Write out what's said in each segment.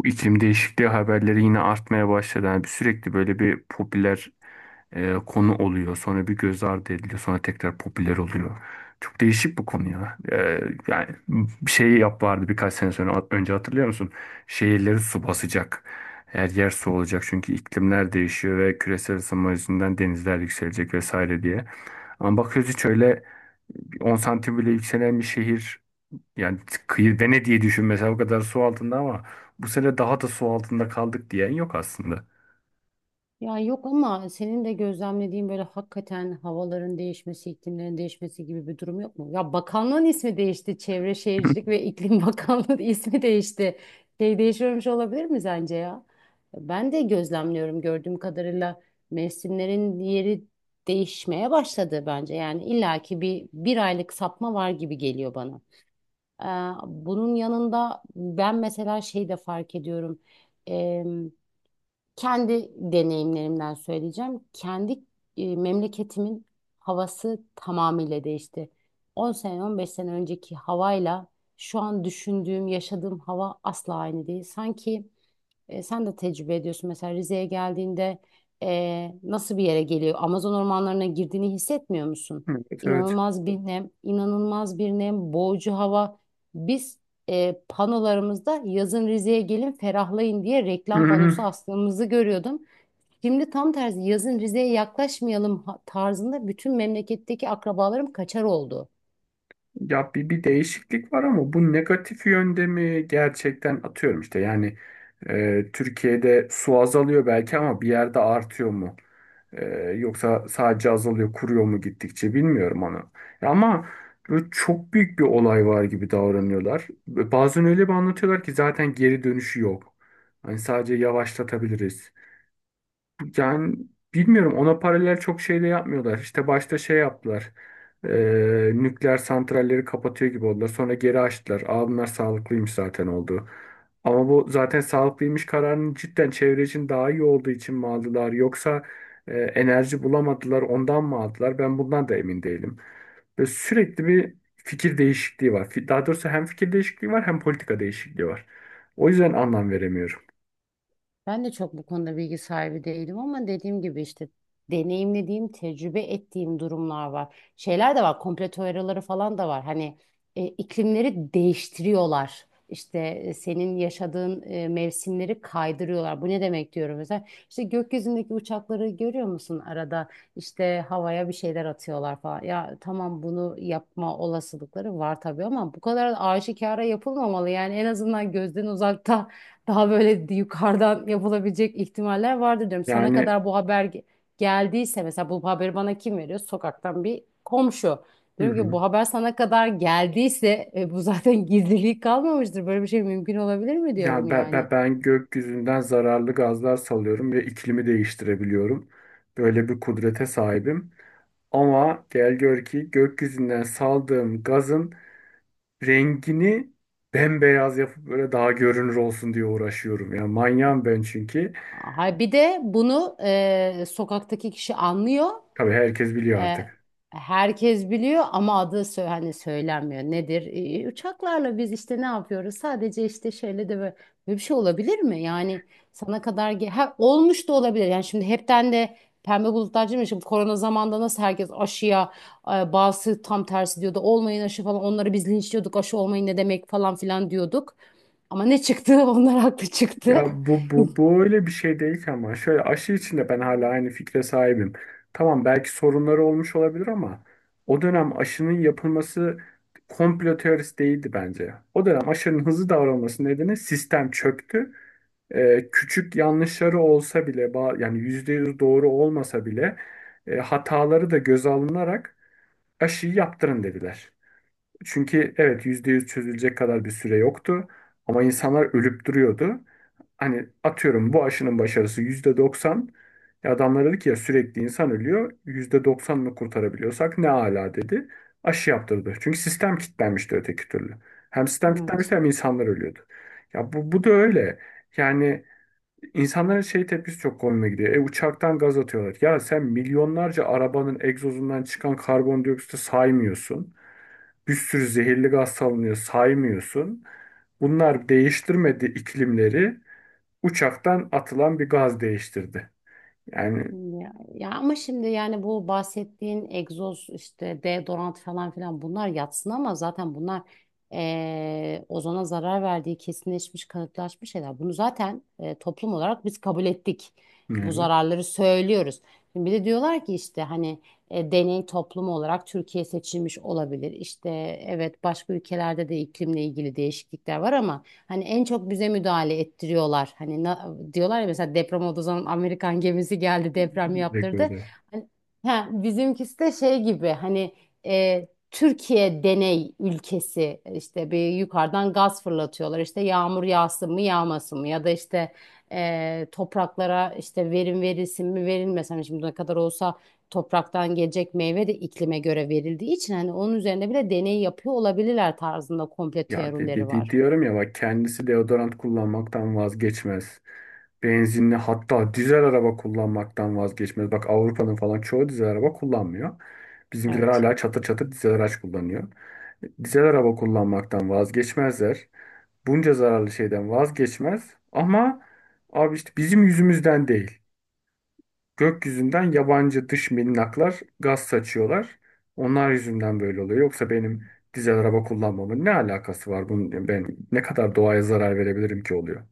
Bu iklim değişikliği haberleri yine artmaya başladı. Sürekli böyle bir popüler konu oluyor. Sonra bir göz ardı ediliyor. Sonra tekrar popüler oluyor. Çok değişik bu konu ya. Yani bir şey yap vardı birkaç sene sonra önce hatırlıyor musun? Şehirleri su basacak. Her yer su olacak çünkü iklimler değişiyor ve küresel ısınma yüzünden denizler yükselecek vesaire diye. Ama bakıyoruz hiç öyle 10 santim bile yükselen bir şehir yani kıyı Venedik'i diye düşün mesela o kadar su altında ama bu sene daha da su altında kaldık diyen yok aslında. Ya yok ama senin de gözlemlediğin böyle hakikaten havaların değişmesi, iklimlerin değişmesi gibi bir durum yok mu? Ya bakanlığın ismi değişti. Çevre Şehircilik ve İklim Bakanlığı ismi değişti. Şey değişiyormuş olabilir mi sence ya? Ben de gözlemliyorum, gördüğüm kadarıyla mevsimlerin yeri değişmeye başladı bence. Yani illaki bir aylık sapma var gibi geliyor bana. Ee, bunun yanında ben mesela şey de fark ediyorum. Kendi deneyimlerimden söyleyeceğim. Kendi memleketimin havası tamamıyla değişti. 10 sene, 15 sene önceki havayla şu an düşündüğüm, yaşadığım hava asla aynı değil. Sanki sen de tecrübe ediyorsun. Mesela Rize'ye geldiğinde nasıl bir yere geliyor? Amazon ormanlarına girdiğini hissetmiyor musun? Evet, evet. İnanılmaz bir nem, inanılmaz bir nem, boğucu hava. Biz panolarımızda yazın Rize'ye gelin ferahlayın diye reklam panosu astığımızı görüyordum. Şimdi tam tersi, yazın Rize'ye yaklaşmayalım tarzında, bütün memleketteki akrabalarım kaçar oldu. Ya bir değişiklik var ama bu negatif yönde mi gerçekten? Atıyorum işte Türkiye'de su azalıyor belki ama bir yerde artıyor mu? E, Yoksa sadece azalıyor, kuruyor mu gittikçe, bilmiyorum onu. Ya ama böyle çok büyük bir olay var gibi davranıyorlar. Ve bazen öyle bir anlatıyorlar ki zaten geri dönüşü yok. Hani sadece yavaşlatabiliriz. Yani bilmiyorum, ona paralel çok şey de yapmıyorlar. İşte başta şey yaptılar. Nükleer santralleri kapatıyor gibi oldular. Sonra geri açtılar. Aa, bunlar sağlıklıymış zaten oldu. Ama bu zaten sağlıklıymış kararının cidden çevre için daha iyi olduğu için mi aldılar? Yoksa enerji bulamadılar ondan mı aldılar? Ben bundan da emin değilim. Ve sürekli bir fikir değişikliği var. Daha doğrusu hem fikir değişikliği var hem politika değişikliği var. O yüzden anlam veremiyorum. Ben de çok bu konuda bilgi sahibi değilim ama dediğim gibi işte deneyimlediğim, tecrübe ettiğim durumlar var. Şeyler de var, komplo teorileri falan da var. Hani iklimleri değiştiriyorlar. İşte senin yaşadığın mevsimleri kaydırıyorlar. Bu ne demek diyorum mesela. İşte gökyüzündeki uçakları görüyor musun arada? İşte havaya bir şeyler atıyorlar falan. Ya tamam, bunu yapma olasılıkları var tabii ama bu kadar aşikara yapılmamalı. Yani en azından gözden uzakta, daha böyle yukarıdan yapılabilecek ihtimaller vardır diyorum. Sana Yani kadar bu haber geldiyse, mesela bu haberi bana kim veriyor? Sokaktan bir komşu. hı Diyorum ki hı. bu haber sana kadar geldiyse bu zaten gizliliği kalmamıştır. Böyle bir şey mümkün olabilir mi diyorum Ya ben, yani. ben, ben gökyüzünden zararlı gazlar salıyorum ve iklimi değiştirebiliyorum. Böyle bir kudrete sahibim. Ama gel gör ki gökyüzünden saldığım gazın rengini bembeyaz yapıp böyle daha görünür olsun diye uğraşıyorum. Ya manyağım ben çünkü. Hay bir de bunu sokaktaki kişi anlıyor. Tabii herkes biliyor E, artık. Herkes biliyor ama adı hani söylenmiyor. Nedir? Uçaklarla biz işte ne yapıyoruz? Sadece işte şöyle de böyle, böyle bir şey olabilir mi? Yani sana kadar olmuş da olabilir. Yani şimdi hepten de pembe bulutlar değil mi? Şimdi korona zamanında nasıl herkes aşıya bazısı tam tersi diyordu. Olmayın aşı falan. Onları biz linçliyorduk. Aşı olmayın ne demek falan filan diyorduk. Ama ne çıktı? Onlar haklı çıktı. Ya bu, bu, bu öyle bir şey değil ki, ama şöyle, aşı içinde ben hala aynı fikre sahibim. Tamam, belki sorunları olmuş olabilir ama o dönem aşının yapılması komplo teorisi değildi bence. O dönem aşının hızlı davranması nedeni sistem çöktü. Küçük yanlışları olsa bile yani %100 doğru olmasa bile hataları da göze alınarak aşıyı yaptırın dediler. Çünkü evet, %100 çözülecek kadar bir süre yoktu ama insanlar ölüp duruyordu. Hani atıyorum, bu aşının başarısı %90. E adamlar dedi ki ya sürekli insan ölüyor. %90'ını kurtarabiliyorsak ne ala dedi. Aşı yaptırdı. Çünkü sistem kilitlenmişti öteki türlü. Hem sistem Evet. kilitlenmişti hem insanlar ölüyordu. Ya bu da öyle. Yani insanların şey tepkisi çok komiğime gidiyor. E uçaktan gaz atıyorlar. Ya sen milyonlarca arabanın egzozundan çıkan karbondioksiti saymıyorsun. Bir sürü zehirli gaz salınıyor, saymıyorsun. Bunlar değiştirmedi iklimleri, uçaktan atılan bir gaz değiştirdi. Yani Ya ama şimdi yani bu bahsettiğin egzoz, işte deodorant falan filan, bunlar yatsın ama zaten bunlar ozona zarar verdiği kesinleşmiş, kanıtlaşmış şeyler. Bunu zaten toplum olarak biz kabul ettik. Bu evet, zararları söylüyoruz. Şimdi bir de diyorlar ki işte hani deney toplumu olarak Türkiye seçilmiş olabilir. İşte evet, başka ülkelerde de iklimle ilgili değişiklikler var ama hani en çok bize müdahale ettiriyorlar. Hani diyorlar ya, mesela deprem olduğu zaman Amerikan gemisi geldi, deprem yaptırdı. rekordu. Hani, ha, bizimkisi de şey gibi hani, Türkiye deney ülkesi, işte bir yukarıdan gaz fırlatıyorlar. İşte yağmur yağsın mı yağmasın mı, ya da işte topraklara işte verim verilsin mi verilmesin mi, şimdi ne kadar olsa topraktan gelecek meyve de iklime göre verildiği için, hani onun üzerine bile deney yapıyor olabilirler tarzında komple teorileri var. Diyorum ya, bak, kendisi deodorant kullanmaktan vazgeçmez. Benzinli, hatta dizel araba kullanmaktan vazgeçmez. Bak Avrupa'nın falan çoğu dizel araba kullanmıyor. Bizimkiler Evet. hala çatır çatır dizel araç kullanıyor. Dizel araba kullanmaktan vazgeçmezler. Bunca zararlı şeyden vazgeçmez ama abi işte bizim yüzümüzden değil. Gökyüzünden yabancı dış minnaklar gaz saçıyorlar. Onlar yüzünden böyle oluyor. Yoksa benim dizel araba kullanmamın ne alakası var bunun? Ben ne kadar doğaya zarar verebilirim ki oluyor?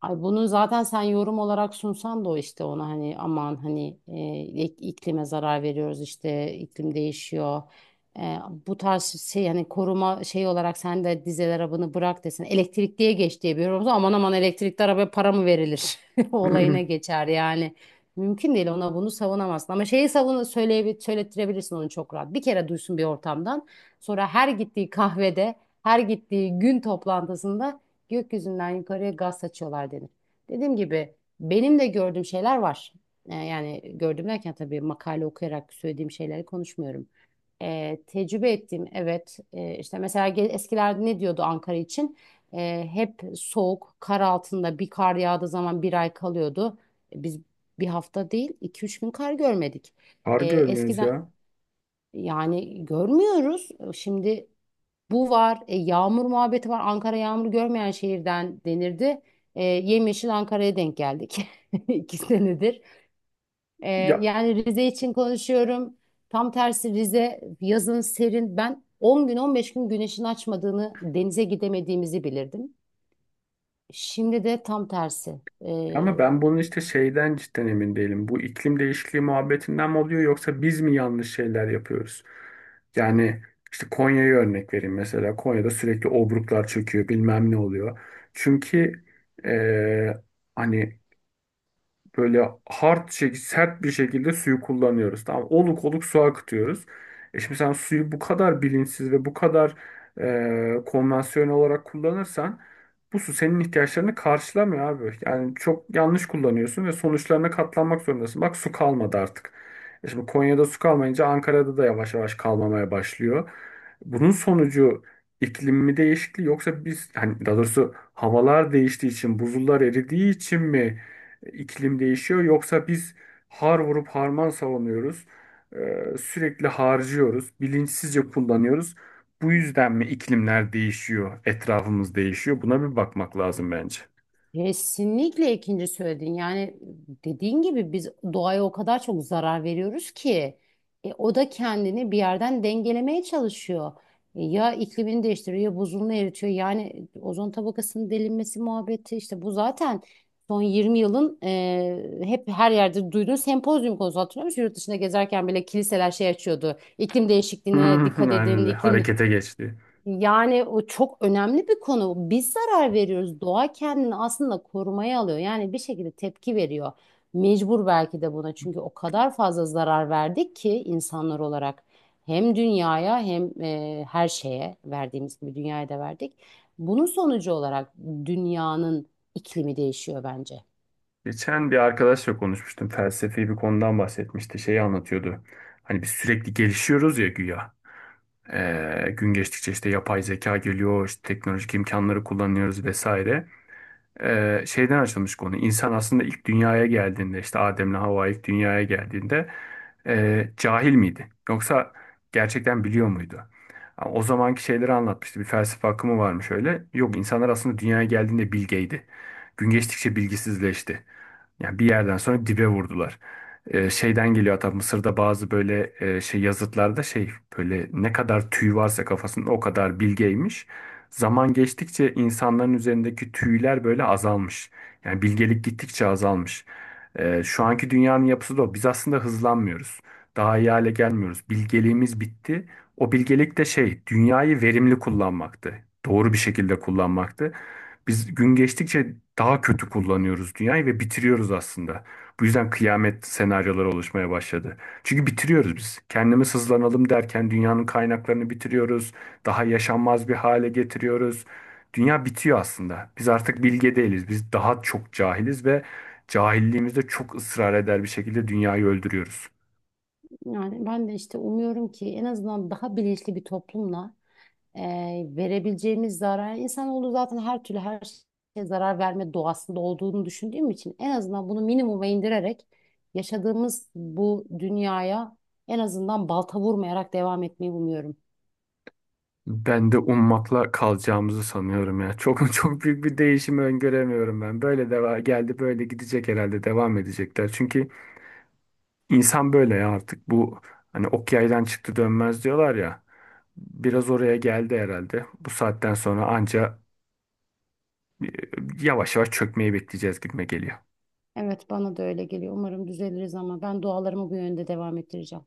Ay bunu zaten sen yorum olarak sunsan da, o işte ona hani aman, hani iklime zarar veriyoruz, işte iklim değişiyor. E, bu tarz şey, hani koruma şey olarak sen de dizel arabanı bırak desin, elektrikliye geç diye bir yorum olsa, aman aman elektrikli arabaya para mı verilir? Olayına geçer yani. Mümkün değil, ona bunu savunamazsın. Ama şeyi savun, söyleye söylettirebilirsin onu çok rahat. Bir kere duysun bir ortamdan. Sonra her gittiği kahvede, her gittiği gün toplantısında gökyüzünden yukarıya gaz saçıyorlar denir. Dediğim gibi, benim de gördüğüm şeyler var. Yani gördüm derken, tabii makale okuyarak söylediğim şeyleri konuşmuyorum. Tecrübe ettiğim, evet, işte mesela eskilerde ne diyordu Ankara için? Hep soğuk, kar altında, bir kar yağdığı zaman bir ay kalıyordu. Biz bir hafta değil, 2-3 gün kar görmedik. Kar görmüyoruz Eskiden, ya. yani görmüyoruz şimdi, bu var. Yağmur muhabbeti var. Ankara yağmur görmeyen şehirden denirdi. Yemyeşil Ankara'ya denk geldik. 2 senedir. E, Ya yani Rize için konuşuyorum. Tam tersi, Rize yazın serin. Ben 10 gün 15 gün güneşin açmadığını, denize gidemediğimizi bilirdim. Şimdi de tam tersi. E, ama ben bunun işte şeyden cidden emin değilim. Bu iklim değişikliği muhabbetinden mi oluyor, yoksa biz mi yanlış şeyler yapıyoruz? Yani işte Konya'yı örnek vereyim mesela. Konya'da sürekli obruklar çöküyor, bilmem ne oluyor. Çünkü eee, hani böyle sert bir şekilde suyu kullanıyoruz. Tamam, oluk oluk su akıtıyoruz. E şimdi sen suyu bu kadar bilinçsiz ve bu kadar konvansiyonel olarak kullanırsan bu su senin ihtiyaçlarını karşılamıyor abi. Yani çok yanlış kullanıyorsun ve sonuçlarına katlanmak zorundasın. Bak, su kalmadı artık. E şimdi Konya'da su kalmayınca Ankara'da da yavaş yavaş kalmamaya başlıyor. Bunun sonucu iklim mi değişikliği, yoksa biz, hani daha doğrusu havalar değiştiği için buzullar eridiği için mi iklim değişiyor? Yoksa biz har vurup harman savunuyoruz. Sürekli harcıyoruz. Bilinçsizce kullanıyoruz. Bu yüzden mi iklimler değişiyor, etrafımız değişiyor? Buna bir bakmak lazım bence. Kesinlikle ikinci söyledin. Yani dediğin gibi, biz doğaya o kadar çok zarar veriyoruz ki o da kendini bir yerden dengelemeye çalışıyor. Ya iklimini değiştiriyor ya buzulunu eritiyor. Yani ozon tabakasının delinmesi muhabbeti işte bu zaten son 20 yılın hep her yerde duyduğun sempozyum konusu, hatırlıyor musun? Yurt dışında gezerken bile kiliseler şey açıyordu: İklim değişikliğine dikkat Aynen edin, öyle. iklim, Harekete geçti. yani o çok önemli bir konu. Biz zarar veriyoruz. Doğa kendini aslında korumaya alıyor. Yani bir şekilde tepki veriyor. Mecbur belki de buna. Çünkü o kadar fazla zarar verdik ki insanlar olarak. Hem dünyaya hem her şeye verdiğimiz gibi dünyaya da verdik. Bunun sonucu olarak dünyanın iklimi değişiyor bence. Geçen bir arkadaşla konuşmuştum. Felsefi bir konudan bahsetmişti. Şeyi anlatıyordu. Hani biz sürekli gelişiyoruz ya güya. Gün geçtikçe işte yapay zeka geliyor, işte teknolojik imkanları kullanıyoruz vesaire. Şeyden açılmış konu. İnsan aslında ilk dünyaya geldiğinde, işte Adem'le Havva ilk dünyaya geldiğinde cahil miydi? Yoksa gerçekten biliyor muydu? Ama o zamanki şeyleri anlatmıştı. Bir felsefe akımı varmış öyle. Yok, insanlar aslında dünyaya geldiğinde bilgeydi. Gün geçtikçe bilgisizleşti. Yani bir yerden sonra dibe vurdular. Şeyden geliyor hatta, Mısır'da bazı böyle şey yazıtlarda şey, böyle ne kadar tüy varsa kafasında o kadar bilgeymiş. Zaman geçtikçe insanların üzerindeki tüyler böyle azalmış. Yani bilgelik gittikçe azalmış. Şu anki dünyanın yapısı da o. Biz aslında hızlanmıyoruz. Daha iyi hale gelmiyoruz. Bilgeliğimiz bitti. O bilgelik de şey, dünyayı verimli kullanmaktı. Doğru bir şekilde kullanmaktı. Biz gün geçtikçe daha kötü kullanıyoruz dünyayı ve bitiriyoruz aslında. Bu yüzden kıyamet senaryoları oluşmaya başladı. Çünkü bitiriyoruz biz. Kendimiz hızlanalım derken dünyanın kaynaklarını bitiriyoruz. Daha yaşanmaz bir hale getiriyoruz. Dünya bitiyor aslında. Biz artık bilge değiliz. Biz daha çok cahiliz ve cahilliğimizde çok ısrar eder bir şekilde dünyayı öldürüyoruz. Yani ben de işte umuyorum ki en azından daha bilinçli bir toplumla e, verebileceğimiz zarar, yani insanoğlu zaten her türlü her şeye zarar verme doğasında olduğunu düşündüğüm için, en azından bunu minimuma indirerek yaşadığımız bu dünyaya en azından balta vurmayarak devam etmeyi umuyorum. Ben de ummakla kalacağımızı sanıyorum ya. Çok çok büyük bir değişimi öngöremiyorum ben. Böyle deva geldi böyle gidecek, herhalde devam edecekler. Çünkü insan böyle ya, artık bu, hani ok yaydan çıktı dönmez diyorlar ya. Biraz oraya geldi herhalde. Bu saatten sonra anca e, yavaş yavaş çökmeyi bekleyeceğiz gibime geliyor. Evet, bana da öyle geliyor. Umarım düzeliriz ama ben dualarımı bu yönde devam ettireceğim.